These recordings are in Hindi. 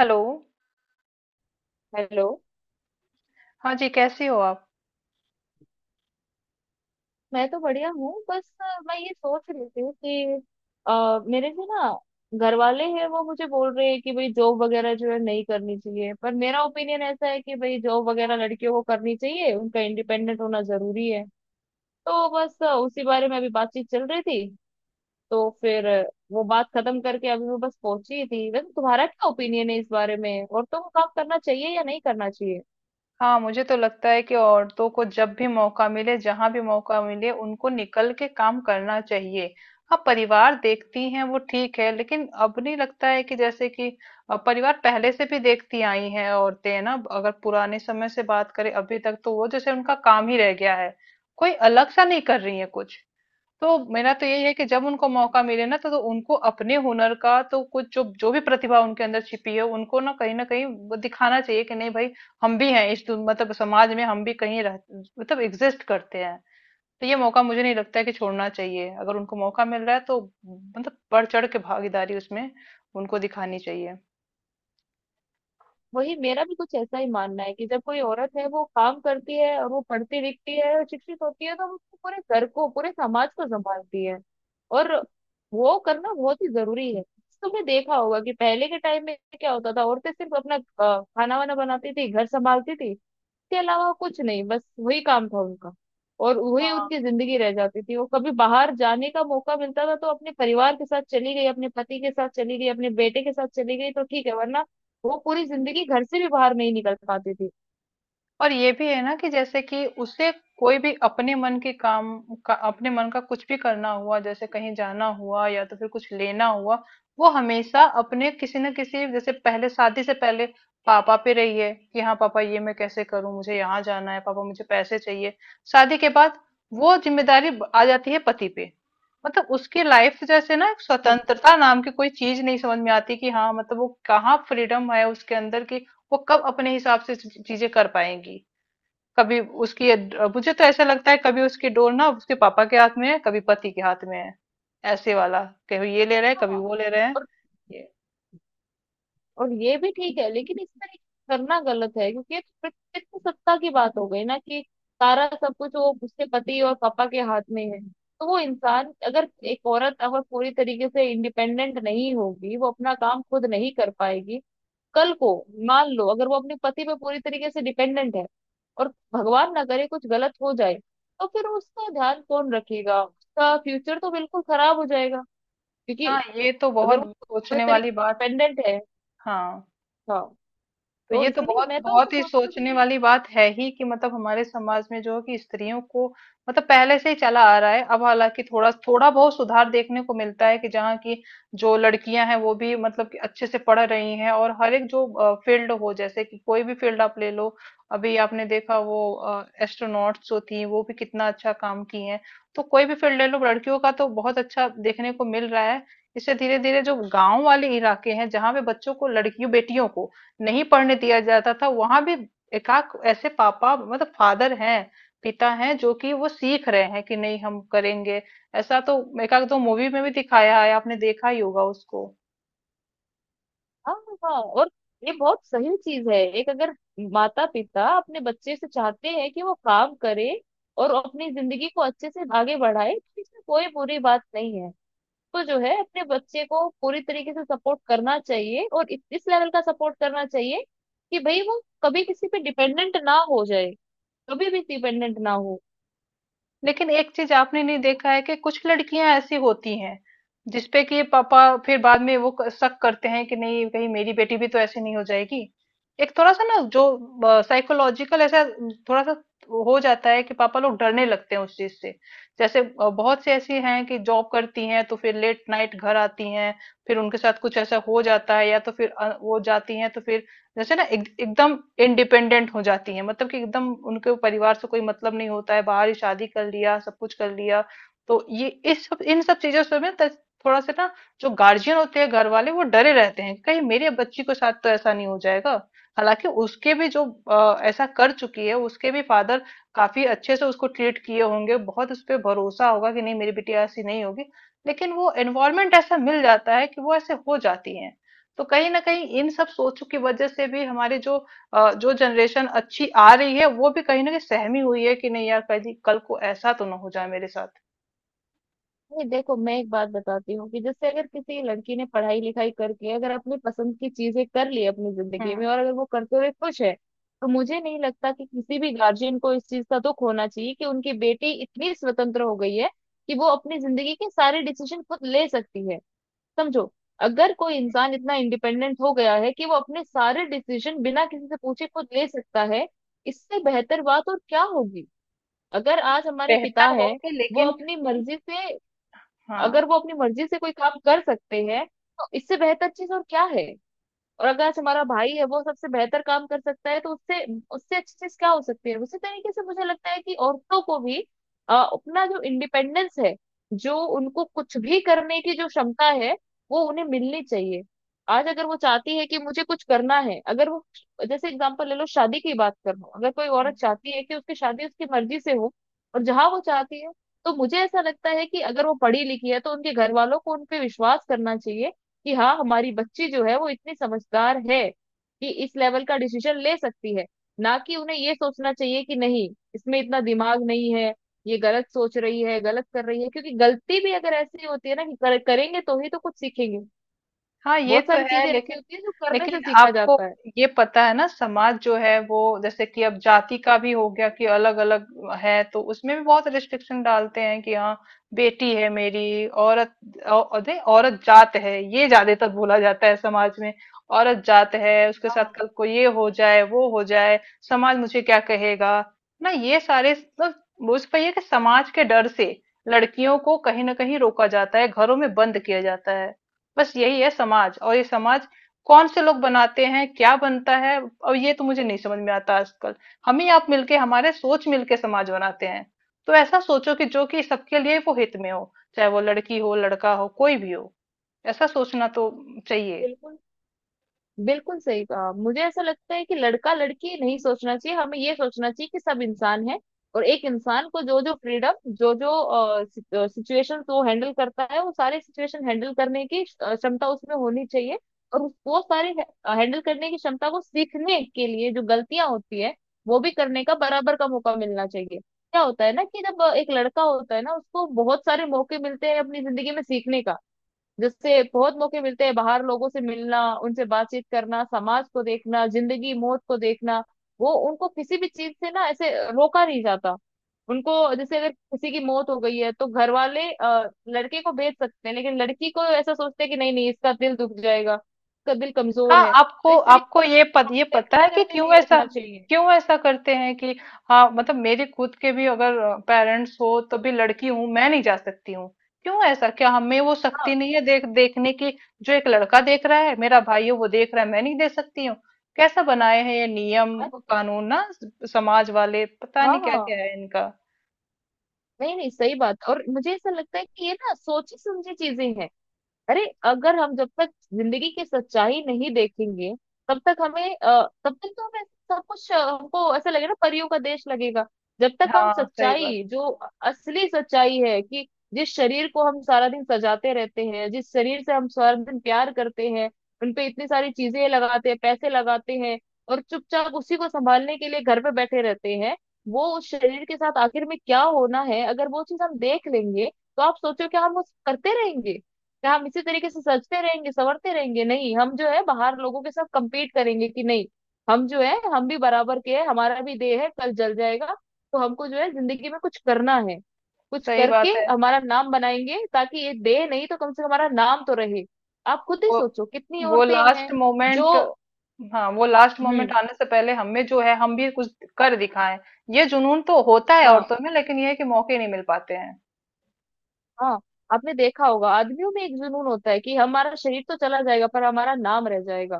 हेलो। हेलो। हाँ जी, कैसी हो आप? मैं तो बढ़िया हूँ। बस मैं ये सोच रही थी कि मेरे जो ना घर वाले हैं वो मुझे बोल रहे हैं कि भाई जॉब वगैरह जो है नहीं करनी चाहिए, पर मेरा ओपिनियन ऐसा है कि भाई जॉब वगैरह लड़कियों को करनी चाहिए, उनका इंडिपेंडेंट होना जरूरी है। तो बस उसी बारे में अभी बातचीत चल रही थी। तो फिर वो बात खत्म करके अभी मैं बस पहुंची ही थी। वैसे तुम्हारा क्या ओपिनियन है इस बारे में, औरतों को काम करना चाहिए या नहीं करना? हाँ मुझे तो लगता है कि औरतों को जब भी मौका मिले, जहां भी मौका मिले, उनको निकल के काम करना चाहिए। हाँ, परिवार देखती हैं वो ठीक है, लेकिन अब नहीं लगता है कि जैसे कि परिवार पहले से भी देखती आई हैं औरतें, है ना? अगर पुराने समय से बात करें अभी तक, तो वो जैसे उनका काम ही रह गया है, कोई अलग सा नहीं कर रही है कुछ। तो मेरा तो यही है कि जब उनको मौका मिले ना तो उनको अपने हुनर का, तो कुछ जो जो भी प्रतिभा उनके अंदर छिपी है, उनको ना कहीं वो दिखाना चाहिए कि नहीं भाई, हम भी हैं इस मतलब समाज में, हम भी कहीं रह, मतलब एग्जिस्ट करते हैं। तो ये मौका मुझे नहीं लगता है कि छोड़ना चाहिए, अगर उनको मौका मिल रहा है तो मतलब बढ़ चढ़ के भागीदारी उसमें उनको दिखानी चाहिए। वही मेरा भी कुछ ऐसा ही मानना है कि जब कोई औरत है वो काम करती है और वो पढ़ती लिखती है और शिक्षित होती है, तो वो पूरे घर को पूरे समाज को संभालती है। और वो करना बहुत ही जरूरी है। तुमने देखा होगा कि पहले के टाइम में क्या होता था, औरतें सिर्फ अपना खाना वाना बनाती थी, घर संभालती थी। इसके अलावा कुछ नहीं, बस वही काम था उनका। और वही हाँ, उनकी जिंदगी रह जाती थी। वो कभी बाहर जाने का मौका मिलता था तो अपने परिवार के साथ चली गई, अपने पति के साथ चली गई, अपने बेटे के साथ चली गई, तो ठीक है, वरना वो पूरी जिंदगी घर से भी बाहर नहीं निकल पाती थी। और ये भी है ना कि जैसे कि उसे कोई भी अपने मन के काम का, अपने मन का कुछ भी करना हुआ, जैसे कहीं जाना हुआ या तो फिर कुछ लेना हुआ, वो हमेशा अपने किसी न किसी, जैसे पहले शादी से पहले पापा पे रही है कि हाँ पापा ये मैं कैसे करूं, मुझे यहाँ जाना है पापा, मुझे पैसे चाहिए। शादी के बाद वो जिम्मेदारी आ जाती है पति पे। मतलब उसकी लाइफ जैसे ना, एक हम्म। स्वतंत्रता नाम की कोई चीज नहीं समझ में आती कि हाँ, मतलब वो कहाँ फ्रीडम है उसके अंदर की। वो कब अपने हिसाब से चीजें कर पाएंगी कभी? उसकी, मुझे तो ऐसा लगता है कभी उसकी डोर ना उसके पापा के हाथ में है, कभी पति के हाथ में है, ऐसे वाला, कभी ये ले रहे हैं कभी हाँ। वो ले रहे हैं और ये। और ये भी ठीक है, लेकिन इसमें करना गलत है क्योंकि ये तो पितृ सत्ता की बात हो गई ना कि सारा सब कुछ वो उसके पति और पापा के हाथ में है। तो वो इंसान, अगर एक औरत अगर पूरी तरीके से इंडिपेंडेंट नहीं होगी, वो अपना काम खुद नहीं कर पाएगी। कल को मान लो अगर वो अपने पति पे पूरी तरीके से डिपेंडेंट है और भगवान ना करे कुछ गलत हो जाए, तो फिर उसका ध्यान कौन रखेगा, उसका फ्यूचर तो बिल्कुल खराब हो जाएगा, क्योंकि हाँ ये तो अगर वो बहुत पूरे सोचने वाली तरीके से बात। डिपेंडेंट है। हाँ, हाँ। तो तो ये तो इसीलिए बहुत मैं तो ऐसे बहुत ही सोचती हूँ कि सोचने भाई, वाली बात है ही कि मतलब हमारे समाज में जो है कि स्त्रियों को, मतलब पहले से ही चला आ रहा है। अब हालांकि थोड़ा थोड़ा बहुत सुधार देखने को मिलता है कि जहाँ की जो लड़कियां हैं वो भी मतलब कि अच्छे से पढ़ रही हैं, और हर एक जो फील्ड हो, जैसे कि कोई भी फील्ड आप ले लो, अभी आपने देखा वो एस्ट्रोनॉट्स जो थी वो भी कितना अच्छा काम की हैं, तो कोई भी फील्ड ले लो लड़कियों का तो बहुत अच्छा देखने को मिल रहा है। इससे धीरे धीरे जो गांव वाले इलाके हैं जहाँ पे बच्चों को, लड़कियों बेटियों को नहीं पढ़ने दिया जाता था, वहां भी एकाक ऐसे पापा, मतलब फादर हैं, पिता हैं, जो कि वो सीख रहे हैं कि नहीं हम करेंगे ऐसा, तो एकाक दो मूवी में भी दिखाया है, आपने देखा ही होगा उसको। हाँ, हाँ, हाँ, और ये बहुत सही चीज है। एक अगर माता पिता अपने बच्चे से चाहते हैं कि वो काम करे और अपनी जिंदगी को अच्छे से आगे बढ़ाए, तो इसमें कोई बुरी बात नहीं है। तो जो है अपने बच्चे को पूरी तरीके से सपोर्ट करना चाहिए, और इस लेवल का सपोर्ट करना चाहिए कि भाई वो कभी किसी पे डिपेंडेंट ना हो जाए, कभी भी डिपेंडेंट ना हो। लेकिन एक चीज आपने नहीं देखा है कि कुछ लड़कियां ऐसी होती हैं जिसपे कि पापा फिर बाद में वो शक करते हैं कि नहीं कहीं मेरी बेटी भी तो ऐसी नहीं हो जाएगी। एक थोड़ा सा ना जो साइकोलॉजिकल ऐसा थोड़ा सा हो जाता है कि पापा लोग डरने लगते हैं उस चीज से। जैसे बहुत सी ऐसी हैं कि जॉब करती हैं तो फिर लेट नाइट घर आती हैं, फिर उनके साथ कुछ ऐसा हो जाता है, या तो फिर वो जाती हैं तो फिर जैसे ना एकदम इंडिपेंडेंट हो जाती है, मतलब कि एकदम उनके परिवार से कोई मतलब नहीं होता है, बाहर ही शादी कर लिया, सब कुछ कर लिया। तो ये, इस सब इन सब चीजों से में थोड़ा सा ना, जो गार्जियन होते हैं घर वाले वो डरे रहते हैं कहीं मेरे बच्ची के साथ तो ऐसा नहीं हो जाएगा। हालांकि उसके भी जो ऐसा कर चुकी है उसके भी फादर काफी अच्छे से उसको ट्रीट किए होंगे, बहुत उस पर भरोसा होगा कि नहीं मेरी बिटिया ऐसी नहीं होगी, लेकिन वो एनवायरमेंट ऐसा मिल जाता है कि वो ऐसे हो जाती है। तो कहीं ना कहीं इन सब सोचों की वजह से भी हमारी जो जो जनरेशन अच्छी आ रही है वो भी कहीं ना कहीं सहमी हुई है कि नहीं यार, कल कल को ऐसा तो ना हो जाए मेरे साथ। नहीं, देखो मैं एक बात बताती हूँ कि जैसे अगर किसी लड़की ने पढ़ाई लिखाई करके अगर अपनी पसंद की चीजें कर ली अपनी जिंदगी में, हम्म। और अगर वो करते हुए खुश है, तो मुझे नहीं लगता कि किसी भी गार्जियन को इस चीज का दुख होना चाहिए कि उनकी बेटी इतनी स्वतंत्र हो गई है कि वो अपनी जिंदगी के सारे डिसीजन खुद ले सकती है। समझो, अगर कोई इंसान इतना इंडिपेंडेंट हो गया है कि वो अपने सारे डिसीजन बिना किसी से पूछे खुद ले सकता है, इससे बेहतर बात और क्या होगी। अगर आज हमारे पिता बेहतर हो है कि, वो लेकिन अपनी मर्जी से, हाँ। अगर वो अपनी मर्जी से कोई काम कर सकते हैं, तो इससे बेहतर चीज और क्या है। और अगर आज हमारा भाई है वो सबसे बेहतर काम कर सकता है, तो उससे उससे अच्छी चीज क्या हो सकती है। उसी तरीके से मुझे लगता है कि औरतों को भी अपना जो इंडिपेंडेंस है, जो उनको कुछ भी करने की जो क्षमता है, वो उन्हें मिलनी चाहिए। आज अगर वो चाहती है कि मुझे कुछ करना है, अगर वो, जैसे एग्जांपल ले लो शादी की बात कर रहा हूं, अगर कोई हम्म। औरत चाहती है कि उसकी शादी उसकी मर्जी से हो और जहां वो चाहती है, तो मुझे ऐसा लगता है कि अगर वो पढ़ी लिखी है तो उनके घर वालों को उन पे विश्वास करना चाहिए कि हाँ हमारी बच्ची जो है वो इतनी समझदार है कि इस लेवल का डिसीजन ले सकती है। ना कि उन्हें ये सोचना चाहिए कि नहीं, इसमें इतना दिमाग नहीं है, ये गलत सोच रही है, गलत कर रही है। क्योंकि गलती भी अगर ऐसी होती है ना कि करेंगे तो ही तो कुछ सीखेंगे। हाँ ये बहुत तो सारी है, चीजें ऐसी लेकिन होती है जो करने से लेकिन सीखा आपको जाता है। ये पता है ना समाज जो है वो जैसे कि अब जाति का भी हो गया कि अलग अलग है, तो उसमें भी बहुत रिस्ट्रिक्शन डालते हैं कि हाँ, बेटी है मेरी, औरत अरे, औरत जात है, ये ज्यादातर बोला जाता है समाज में। औरत जात है, उसके हाँ, साथ हाँ। कल को ये हो जाए वो हो जाए, समाज मुझे क्या कहेगा, ना ये सारे, मतलब उस पर ये कि समाज के डर से लड़कियों को कहीं ना कहीं रोका जाता है, घरों में बंद किया जाता है। बस यही है समाज, और ये समाज कौन से लोग बनाते हैं, क्या बनता है, और ये तो मुझे नहीं समझ में आता आजकल। हम ही, आप मिलके, हमारे सोच मिलके समाज बनाते हैं, तो ऐसा सोचो कि जो कि सबके लिए वो हित में हो, चाहे वो लड़की हो लड़का हो कोई भी हो, ऐसा सोचना तो चाहिए। बिल्कुल। बिल्कुल सही कहा। मुझे ऐसा लगता है कि लड़का लड़की नहीं सोचना चाहिए, हमें ये सोचना चाहिए कि सब इंसान है। और एक इंसान को जो जो फ्रीडम, जो जो सिचुएशन वो हैंडल करता है, वो सारे सिचुएशन हैंडल करने की क्षमता उसमें होनी चाहिए। वो सारे हैंडल करने की क्षमता को सीखने के लिए जो गलतियां होती है वो भी करने का बराबर का मौका मिलना चाहिए। क्या होता है ना कि जब एक लड़का होता है ना उसको बहुत सारे मौके मिलते हैं अपनी जिंदगी में सीखने का, जिससे बहुत मौके मिलते हैं बाहर लोगों से मिलना, उनसे बातचीत करना, समाज को देखना, जिंदगी मौत को देखना। वो उनको किसी भी चीज से ना ऐसे रोका नहीं जाता उनको। जैसे अगर किसी की मौत हो गई है तो घर वाले लड़के को भेज सकते हैं, लेकिन लड़की को ऐसा सोचते हैं कि नहीं नहीं, इसका दिल दुख जाएगा, इसका दिल हाँ, कमजोर है। तो आपको इस तरीके आपको ये ये से पता है सेलेक्ट कि करके क्यों नहीं ऐसा, रखना चाहिए। क्यों ऐसा करते हैं कि? हाँ मतलब मेरे खुद के भी अगर पेरेंट्स हो तो भी लड़की हूँ, मैं नहीं जा सकती हूँ। क्यों ऐसा? क्या हमें वो हाँ। शक्ति नहीं है देखने की जो एक लड़का देख रहा है, मेरा भाई है वो देख रहा है, मैं नहीं दे सकती हूँ। कैसा बनाए हैं ये नियम आज- कानून ना, समाज वाले पता हाँ, नहीं क्या हाँ। क्या है इनका। नहीं नहीं, सही बात। और मुझे ऐसा लगता है कि ये ना सोची समझी चीजें हैं। अरे अगर हम जब तक जिंदगी की सच्चाई नहीं देखेंगे, तब तक हमें तब तक तो हमें सब कुछ हमको ऐसा लगेगा ना, परियों का देश लगेगा। जब तक हम हाँ सही बात। सच्चाई, जो असली सच्चाई है कि जिस शरीर को हम सारा दिन सजाते रहते हैं, जिस शरीर से हम सारा दिन प्यार करते हैं, उनपे इतनी सारी चीजें लगाते हैं, पैसे लगाते हैं, और चुपचाप उसी को संभालने के लिए घर पे बैठे रहते हैं, वो उस शरीर के साथ आखिर में क्या होना है, अगर वो चीज हम देख लेंगे, तो आप सोचो क्या हम उस करते रहेंगे? क्या हम इसी तरीके से सजते रहेंगे, संवरते रहेंगे? नहीं, हम जो है बाहर लोगों के साथ compete करेंगे कि नहीं हम जो है, हम भी बराबर के हैं, हमारा भी देह है, कल जल जाएगा। तो हमको जो है जिंदगी में कुछ करना है, कुछ सही करके बात है। हमारा नाम बनाएंगे, ताकि ये देह नहीं तो कम से कम हमारा नाम तो रहे। आप खुद ही वो सोचो कितनी वो औरतें लास्ट हैं जो, मोमेंट, हाँ, वो लास्ट हम्म, मोमेंट आने से पहले हमें जो है हम भी कुछ कर दिखाएं। ये जुनून तो होता है हाँ, औरतों में, लेकिन ये है कि मौके नहीं मिल पाते हैं। हाँ, आपने देखा होगा आदमियों में एक जुनून होता है कि हमारा शरीर तो चला जाएगा पर हमारा नाम रह जाएगा।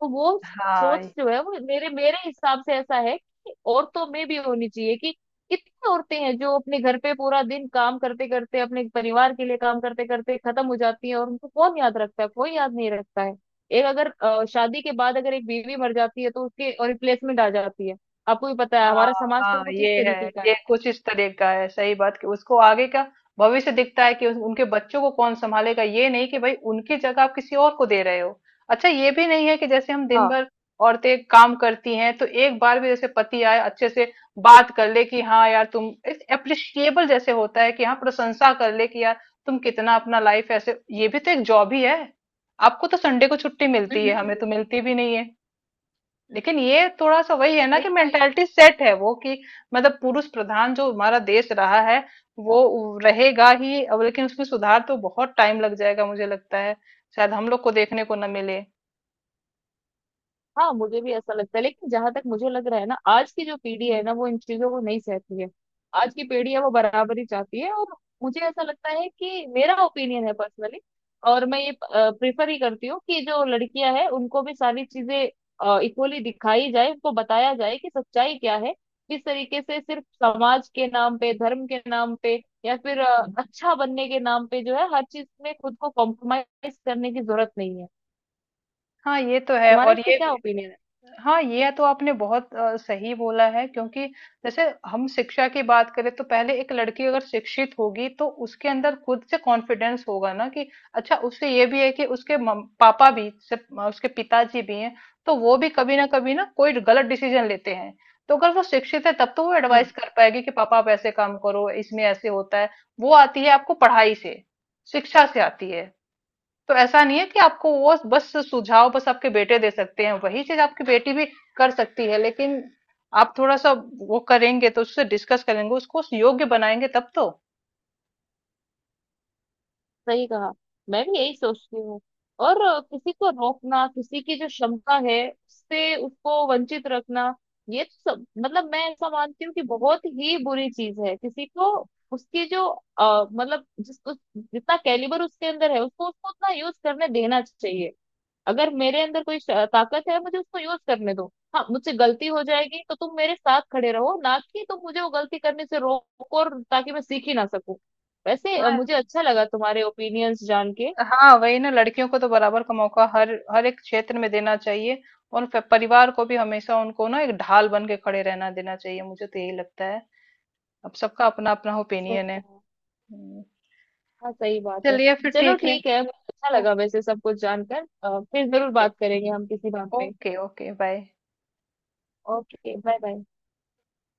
तो वो सोच हाँ, जो है वो मेरे मेरे हिसाब से ऐसा है कि औरतों में भी होनी चाहिए कि कितनी औरतें हैं जो अपने घर पे पूरा दिन काम करते करते, अपने परिवार के लिए काम करते करते खत्म हो जाती हैं, और उनको कौन याद रखता है, कोई याद नहीं रखता है। एक अगर शादी के बाद अगर एक बीवी मर जाती है तो उसके रिप्लेसमेंट आ जाती है। आपको भी पता है हाँ, हमारा समाज तो हाँ, कुछ ये इस है, तरीके का है। ये कुछ इस तरह का है, सही बात कि उसको आगे का भविष्य दिखता है कि उनके बच्चों को कौन संभालेगा, ये नहीं कि भाई उनकी जगह आप किसी और को दे रहे हो। अच्छा, ये भी नहीं है कि जैसे हम दिन हाँ। भर, औरतें काम करती हैं तो एक बार भी जैसे पति आए अच्छे से बात कर ले कि हाँ यार तुम, एप्रिशिएबल जैसे होता है कि हाँ प्रशंसा कर ले कि यार तुम कितना अपना लाइफ, ऐसे ये भी तो एक जॉब ही है। आपको तो संडे को छुट्टी मिलती हम्म। है, हम्म। हमें तो हम्म। मिलती भी नहीं है। लेकिन ये थोड़ा सा वही है ना कि सही। मेंटेलिटी सेट है वो कि, मतलब पुरुष प्रधान जो हमारा देश रहा है वो रहेगा ही अब, लेकिन उसमें सुधार तो बहुत टाइम लग जाएगा मुझे लगता है, शायद हम लोग को देखने को न मिले। हाँ, मुझे भी ऐसा लगता है, लेकिन जहां तक मुझे लग रहा है ना, आज की जो पीढ़ी है ना वो इन चीजों को नहीं सहती है। आज की पीढ़ी है, वो बराबरी चाहती है। और मुझे ऐसा लगता है कि मेरा ओपिनियन है पर्सनली, और मैं ये प्रेफर ही करती हूँ कि जो लड़कियां हैं उनको भी सारी चीजें इक्वली दिखाई जाए, उनको बताया जाए कि सच्चाई क्या है, किस तरीके से सिर्फ समाज के नाम पे, धर्म के नाम पे, या फिर अच्छा बनने के नाम पे जो है हर चीज में खुद को कॉम्प्रोमाइज करने की जरूरत नहीं है। हाँ ये तो है, तुम्हारा और इस पे ये, क्या ओपिनियन हाँ ये तो आपने बहुत सही बोला है, क्योंकि जैसे हम शिक्षा की बात करें तो पहले एक लड़की अगर शिक्षित होगी तो उसके अंदर खुद से कॉन्फिडेंस होगा ना कि अच्छा। उससे ये भी है कि उसके पापा भी से, उसके पिताजी भी हैं तो वो भी कभी ना कभी ना कोई गलत डिसीजन लेते हैं, तो अगर वो शिक्षित है तब तो वो है? एडवाइस कर पाएगी कि पापा आप ऐसे काम करो, इसमें ऐसे होता है। वो आती है आपको पढ़ाई से, शिक्षा से आती है। तो ऐसा नहीं है कि आपको वो बस सुझाव बस आपके बेटे दे सकते हैं, वही चीज आपकी बेटी भी कर सकती है, लेकिन आप थोड़ा सा, वो करेंगे तो उससे डिस्कस करेंगे, उसको योग्य बनाएंगे तब तो। सही कहा। मैं भी यही सोचती हूँ। और किसी को रोकना, किसी की जो क्षमता है उससे उसको वंचित रखना, ये तो सब मतलब मैं ऐसा मानती हूँ कि बहुत ही बुरी चीज है। किसी को उसकी जो मतलब जितना कैलिबर उसके अंदर है, उसको उसको उतना यूज करने देना चाहिए। अगर मेरे अंदर कोई ताकत है मुझे उसको यूज करने दो। हाँ मुझसे गलती हो जाएगी तो तुम मेरे साथ खड़े रहो, ना कि तुम मुझे वो गलती करने से रोको और ताकि मैं सीख ही ना सकूं। वैसे हाँ। मुझे अच्छा लगा तुम्हारे ओपिनियंस जान के। हाँ वही ना, लड़कियों को तो बराबर का मौका हर हर एक क्षेत्र में देना चाहिए। और परिवार को भी हमेशा उनको ना एक ढाल बन के खड़े रहना देना चाहिए, मुझे तो यही लगता है। अब सबका अपना अपना सही ओपिनियन है। कहा। हम्म। हाँ, सही बात है। चलिए फिर चलो ठीक है। ठीक है, मुझे अच्छा लगा वैसे सब कुछ जानकर। फिर जरूर ओके, बात करेंगे हम किसी बात पे। Okay, okay, bye. Okay. Bye bye.